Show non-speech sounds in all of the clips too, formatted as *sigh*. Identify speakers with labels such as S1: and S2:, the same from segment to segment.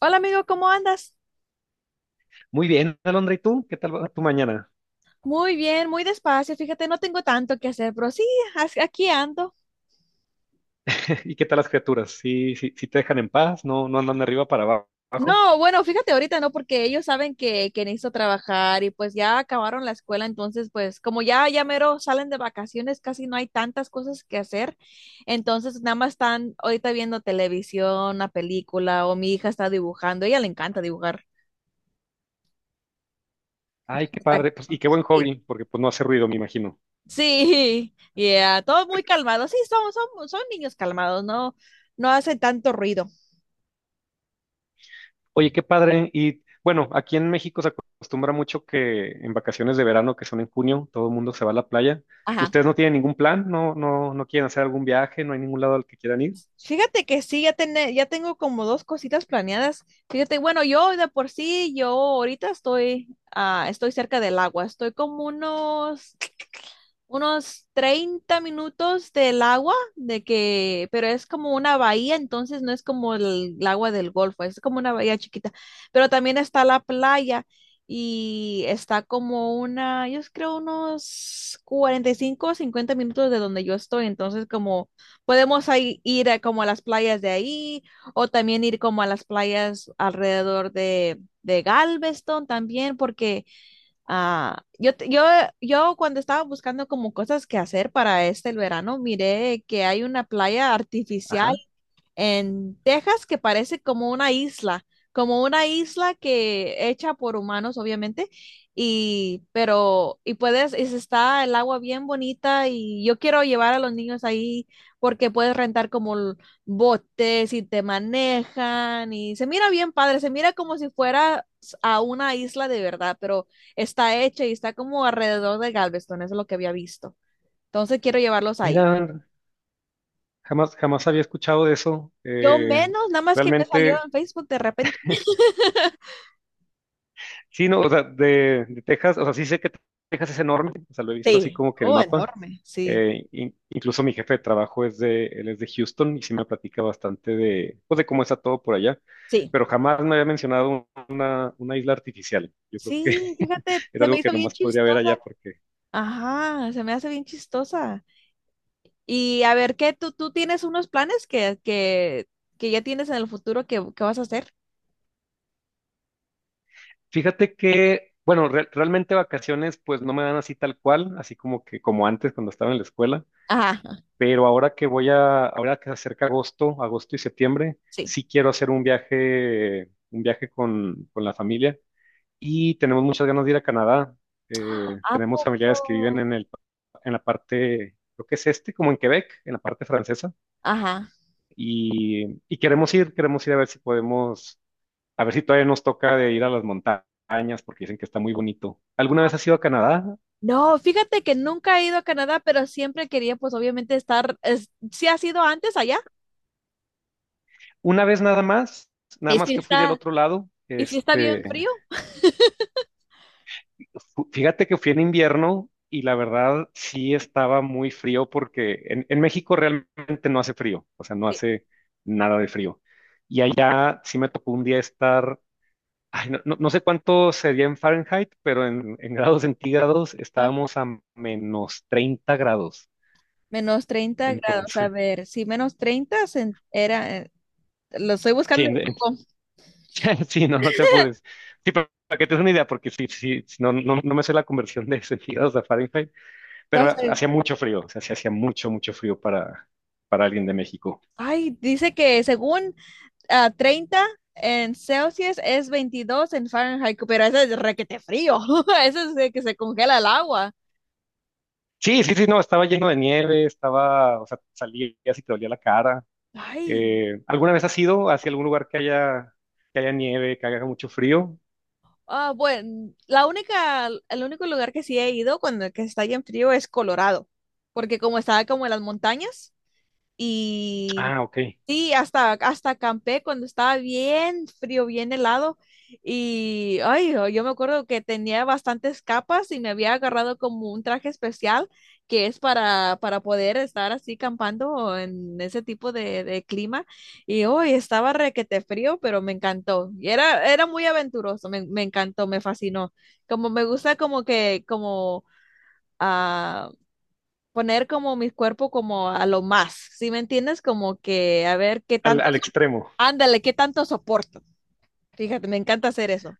S1: Hola amigo, ¿cómo andas?
S2: Muy bien, Alondra, ¿y tú? ¿Qué tal va tu mañana?
S1: Muy bien, muy despacio. Fíjate, no tengo tanto que hacer, pero sí, aquí ando.
S2: *laughs* ¿Y qué tal las criaturas? ¿Sí, te dejan en paz? ¿No, andan de arriba para abajo?
S1: No, bueno, fíjate ahorita, ¿no? Porque ellos saben que necesito trabajar y pues ya acabaron la escuela, entonces pues como ya mero salen de vacaciones, casi no hay tantas cosas que hacer. Entonces nada más están ahorita viendo televisión, una película o mi hija está dibujando, a ella le encanta dibujar.
S2: Ay, qué
S1: Está-
S2: padre, pues, y qué buen
S1: Sí,
S2: hobby, porque pues no hace ruido, me imagino.
S1: sí, *laughs* yeah, todo muy calmado. Sí, son niños calmados, no, no hacen tanto ruido.
S2: Oye, qué padre, y bueno, aquí en México se acostumbra mucho que en vacaciones de verano, que son en junio, todo el mundo se va a la playa.
S1: Ajá.
S2: ¿Ustedes no tienen ningún plan? ¿No, quieren hacer algún viaje? ¿No hay ningún lado al que quieran ir?
S1: Fíjate que sí, ya tengo como dos cositas planeadas. Fíjate, bueno, yo de por sí, yo ahorita estoy cerca del agua, estoy como unos 30 minutos del agua, de que, pero es como una bahía, entonces no es como el agua del Golfo, es como una bahía chiquita, pero también está la playa y está como una, yo creo unos 45 o 50 minutos de donde yo estoy, entonces como podemos ahí ir a como a las playas de ahí o también ir como a las playas alrededor de Galveston también, porque... Ah, yo, te- yo, yo cuando estaba buscando como cosas que hacer para el verano, miré que hay una playa artificial
S2: Ajá.
S1: en Texas que parece como una isla que hecha por humanos, obviamente, y pero y puedes y se está el agua bien bonita y yo quiero llevar a los niños ahí porque puedes rentar como botes y te manejan y se mira bien padre, se mira como si fuera a una isla de verdad, pero está hecha y está como alrededor de Galveston, eso es lo que había visto. Entonces quiero llevarlos ahí.
S2: Mira, jamás, jamás había escuchado de eso.
S1: Yo menos, nada más que me salió
S2: Realmente.
S1: en Facebook de repente.
S2: Sí, no, o sea, de Texas, o sea, sí sé que Texas es enorme, o sea, lo he visto así
S1: Sí,
S2: como que en el
S1: oh,
S2: mapa.
S1: enorme, sí.
S2: Incluso mi jefe de trabajo él es de Houston y sí me platica bastante de, pues, de cómo está todo por allá,
S1: Sí.
S2: pero jamás me había mencionado una isla artificial. Yo creo que
S1: Sí, fíjate,
S2: *laughs* era
S1: se me
S2: algo que
S1: hizo bien
S2: nomás podría ver
S1: chistosa.
S2: allá porque
S1: Ajá, se me hace bien chistosa. Y a ver, ¿qué tú tienes unos planes que ya tienes en el futuro que vas a hacer?
S2: fíjate que, bueno, realmente vacaciones pues no me dan así tal cual, así como que como antes cuando estaba en la escuela.
S1: Ajá,
S2: Pero ahora que ahora que se acerca agosto, agosto y septiembre,
S1: sí.
S2: sí quiero hacer un viaje con la familia y tenemos muchas ganas de ir a Canadá. Eh,
S1: ¿A
S2: tenemos familiares que viven
S1: poco?
S2: en en la parte, creo que es este, como en Quebec, en la parte francesa,
S1: Ajá.
S2: y queremos ir a ver si podemos, a ver si todavía nos toca de ir a las montañas porque dicen que está muy bonito. ¿Alguna vez has ido a Canadá?
S1: No, fíjate que nunca he ido a Canadá, pero siempre quería, pues obviamente estar, sí ha sido antes allá,
S2: Una vez nada más, nada
S1: y
S2: más
S1: sí
S2: que fui del
S1: está,
S2: otro lado,
S1: y sí está
S2: este.
S1: bien frío.
S2: Fíjate que fui en invierno y la verdad sí estaba muy frío porque en México realmente no hace frío, o sea, no
S1: Sí.
S2: hace nada de frío. Y allá sí me tocó un día estar, ay, no sé cuánto sería en Fahrenheit, pero en grados centígrados
S1: Ah,
S2: estábamos a -30 grados.
S1: -30 grados, a
S2: Entonces,
S1: ver, sí, menos treinta era, lo estoy
S2: sí,
S1: buscando en Google.
S2: *laughs* sí, no te apures. Sí, pero para que te des una idea, porque no me sé la conversión de *laughs* centígrados a Fahrenheit. Pero
S1: Entonces,
S2: hacía mucho frío, o sea, sí hacía mucho, mucho frío para alguien de México.
S1: ay, dice que según 30 en Celsius es 22 en Fahrenheit, pero ese es requete frío. *laughs* Eso es de que se congela el agua.
S2: Sí, sí, sí, no, estaba lleno de nieve, estaba, o sea, salías y te dolía la cara.
S1: Ay.
S2: ¿Alguna vez has ido hacia algún lugar que haya nieve, que haga mucho frío?
S1: Ah, bueno, la única, el único lugar que sí he ido cuando que está bien frío es Colorado, porque como está como en las montañas, y
S2: Ah, ok,
S1: sí, hasta acampé cuando estaba bien frío, bien helado. Y ay, oh, yo me acuerdo que tenía bastantes capas y me había agarrado como un traje especial que es para poder estar así campando en ese tipo de clima. Y hoy estaba requete frío, pero me encantó. Y era muy aventuroso, me encantó, me fascinó. Como me gusta como que, como ah, poner como mi cuerpo como a lo más, ¿sí me entiendes? Como que a ver qué
S2: al,
S1: tanto,
S2: al extremo.
S1: ándale, qué tanto soporto. Fíjate, me encanta hacer eso.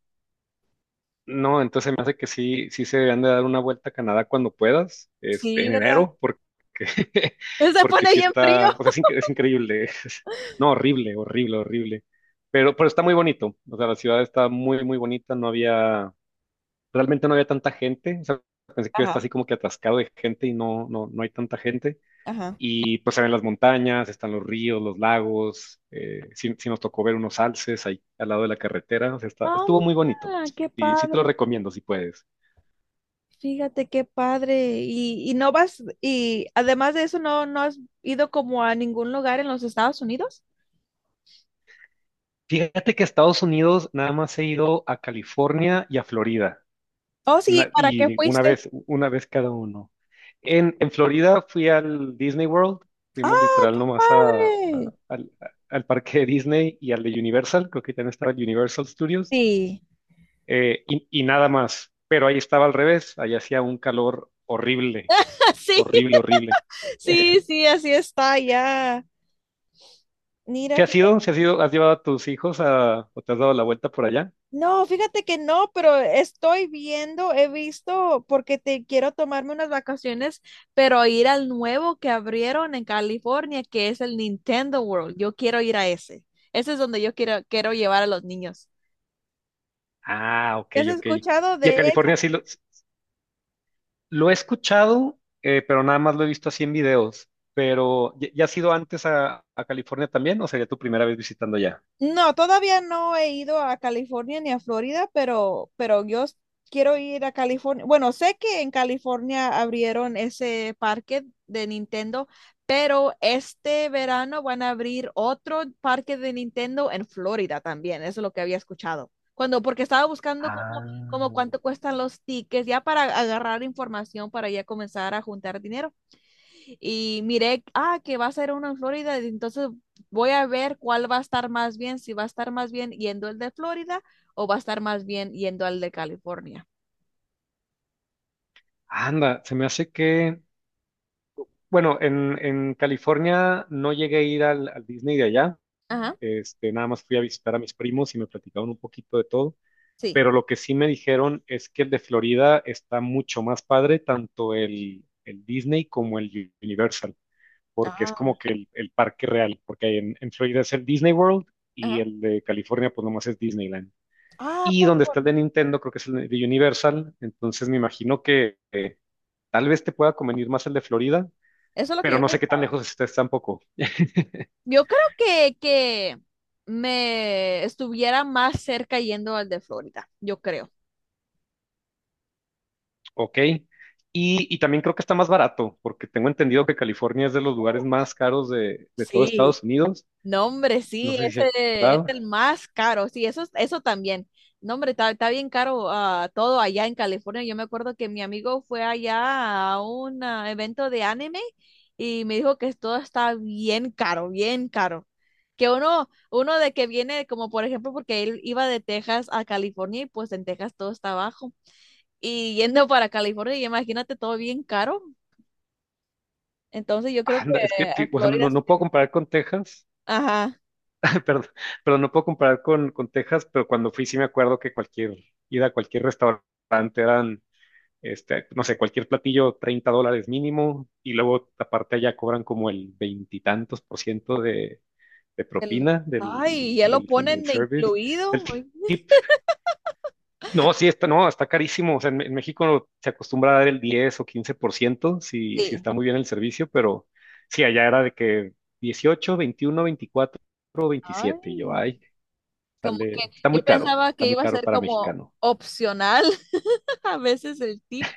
S2: No, entonces me hace que sí, sí se deberían de dar una vuelta a Canadá cuando puedas, este,
S1: Sí,
S2: en
S1: ¿verdad?
S2: enero, porque *laughs*
S1: *laughs* Se
S2: porque
S1: pone
S2: sí
S1: bien frío.
S2: está, o sea, es, es increíble, *laughs* no, horrible, horrible, horrible, pero está muy bonito, o sea, la ciudad está muy, muy bonita, no había, realmente no había tanta gente, o sea, pensé que iba a
S1: Ajá,
S2: estar así como que atascado de gente y no, no, hay tanta gente,
S1: ajá.
S2: y pues se ven las montañas, están los ríos, los lagos. Sí, sí nos tocó ver unos alces ahí al lado de la carretera. O sea,
S1: Ah,
S2: estuvo muy bonito.
S1: mira, qué
S2: Sí, sí te lo
S1: padre.
S2: recomiendo si puedes.
S1: Fíjate qué padre. Y no vas, y además de eso, no, no has ido como a ningún lugar en los Estados Unidos.
S2: Fíjate que a Estados Unidos nada más he ido a California y a Florida.
S1: Oh, sí, ¿para qué
S2: Y
S1: fuiste?
S2: una vez cada uno. En Florida fui al Disney World. Fuimos
S1: ¡Ah,
S2: literal nomás
S1: padre!
S2: al parque de Disney y al de Universal. Creo que también estaba el Universal Studios.
S1: Sí.
S2: Y nada más. Pero ahí estaba al revés, ahí hacía un calor horrible,
S1: *laughs* Sí,
S2: horrible, horrible.
S1: sí, sí, así está ya. Mira,
S2: ¿Se has ido? ¿Se has ido? ¿Has llevado a tus hijos a, o te has dado la vuelta por allá?
S1: no, fíjate que no, pero estoy viendo, he visto, porque te quiero tomarme unas vacaciones, pero ir al nuevo que abrieron en California, que es el Nintendo World. Yo quiero ir a ese. Ese es donde yo quiero llevar a los niños.
S2: Ah, ok,
S1: ¿Has
S2: ok.
S1: escuchado
S2: Y
S1: de
S2: a
S1: ese?
S2: California sí lo he escuchado, pero nada más lo he visto así en videos. Pero, ya has ido antes a California también o sería tu primera vez visitando ya?
S1: No, todavía no he ido a California ni a Florida, pero yo quiero ir a California. Bueno, sé que en California abrieron ese parque de Nintendo, pero este verano van a abrir otro parque de Nintendo en Florida también. Eso es lo que había escuchado. Cuando, porque estaba buscando como,
S2: Ah,
S1: como cuánto cuestan los tickets, ya para agarrar información para ya comenzar a juntar dinero y miré, que va a ser uno en Florida, entonces voy a ver cuál va a estar más bien, si va a estar más bien yendo el de Florida o va a estar más bien yendo al de California.
S2: anda, se me hace que, bueno, en California no llegué a ir al Disney de allá.
S1: Ajá,
S2: Este, nada más fui a visitar a mis primos y me platicaron un poquito de todo.
S1: sí,
S2: Pero lo que sí me dijeron es que el de Florida está mucho más padre, tanto el Disney como el Universal, porque es
S1: ah,
S2: como que el parque real, porque en Florida es el Disney World y
S1: ajá.
S2: el de California pues nomás es Disneyland.
S1: Ah,
S2: Y donde
S1: poco.
S2: está el de Nintendo creo que es el de Universal, entonces me imagino que tal vez te pueda convenir más el de Florida,
S1: Eso es lo que
S2: pero
S1: yo
S2: no sé
S1: pensé.
S2: qué tan lejos estés tampoco.
S1: Yo creo que me estuviera más cerca yendo al de Florida, yo creo.
S2: Ok. Y también creo que está más barato, porque tengo entendido que California es de los lugares más caros de todo
S1: Sí,
S2: Estados Unidos.
S1: no, hombre,
S2: No
S1: sí,
S2: sé si es
S1: ese es
S2: verdad.
S1: el más caro, sí, eso, eso también. No, hombre, está bien caro todo allá en California. Yo me acuerdo que mi amigo fue allá a un evento de anime y me dijo que todo está bien caro, bien caro. Que uno de que viene, como por ejemplo, porque él iba de Texas a California y pues en Texas todo está bajo. Y yendo para California, y imagínate todo bien caro. Entonces yo creo que
S2: Anda, es que,
S1: a
S2: o sea,
S1: Florida,
S2: no puedo comparar con Texas,
S1: ajá.
S2: *laughs* perdón, pero no puedo comparar con Texas, pero cuando fui sí me acuerdo que cualquier ida a cualquier restaurante eran, este, no sé, cualquier platillo $30 mínimo, y luego aparte allá cobran como el veintitantos por ciento de
S1: el-
S2: propina
S1: ay, ya lo
S2: del
S1: ponen de
S2: service, del
S1: incluido. Ay,
S2: tip. No, sí, está, no, está carísimo. O sea, en México se acostumbra a dar el 10 o 15% si, si
S1: sí.
S2: está muy bien el servicio, pero sí, allá era de que 18, 21, 24, 27. Y yo,
S1: Ay,
S2: ay,
S1: como que
S2: sale,
S1: yo pensaba
S2: está
S1: que
S2: muy
S1: iba a
S2: caro
S1: ser
S2: para
S1: como
S2: mexicano.
S1: opcional *laughs* a veces el tip.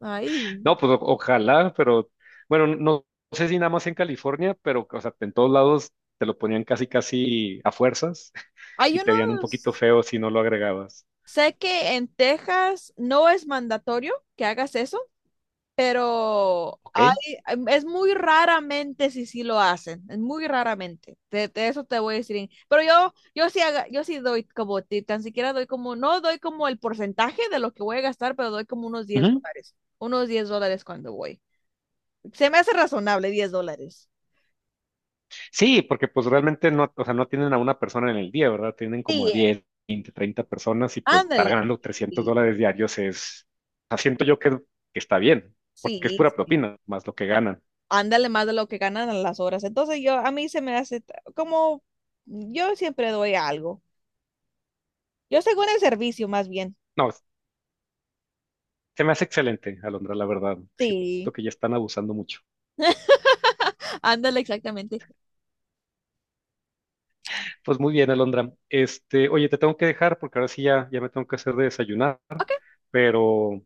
S1: Ay,
S2: No, pues ojalá, pero bueno, no, sé si nada más en California, pero o sea, en todos lados te lo ponían casi, casi a fuerzas
S1: hay
S2: y te veían un poquito
S1: unos,
S2: feo si no lo agregabas.
S1: sé que en Texas no es mandatorio que hagas eso, pero
S2: ¿Ok?
S1: hay, es muy raramente si sí lo hacen, es muy raramente, de eso te voy a decir, pero yo sí, yo sí doy como, tan siquiera doy como, no doy como el porcentaje de lo que voy a gastar, pero doy como unos $10, unos $10 cuando voy. Se me hace razonable $10.
S2: Sí, porque pues realmente no, o sea, no tienen a una persona en el día, ¿verdad? Tienen como
S1: Sí,
S2: a
S1: eh,
S2: 10, 20, 30 personas y pues estar
S1: ándale,
S2: ganando trescientos
S1: sí,
S2: dólares diarios es, o sea, siento yo que está bien, porque es
S1: sí,
S2: pura
S1: sí.
S2: propina, más lo que ganan.
S1: Ándale más de lo que ganan a las horas. Entonces yo, a mí se me hace como, yo siempre doy algo. Yo según el servicio, más bien.
S2: No, es- Se me hace excelente, Alondra, la verdad. Siento
S1: Sí.
S2: que ya están abusando mucho.
S1: *laughs* Ándale, exactamente.
S2: Pues muy bien, Alondra. Este, oye, te tengo que dejar porque ahora sí ya me tengo que hacer de desayunar,
S1: Ok,
S2: pero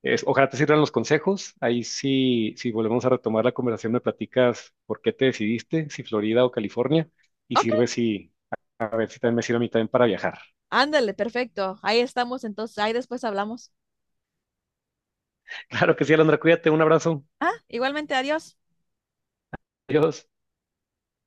S2: Ojalá te sirvan los consejos. Ahí sí, si volvemos a retomar la conversación, me platicas por qué te decidiste, si Florida o California, y
S1: ok.
S2: sirve si, a ver si también me sirve a mí también para viajar.
S1: Ándale, perfecto. Ahí estamos, entonces, ahí después hablamos.
S2: *laughs* Claro que sí, Alondra, cuídate, un abrazo.
S1: Ah, igualmente, adiós.
S2: Adiós.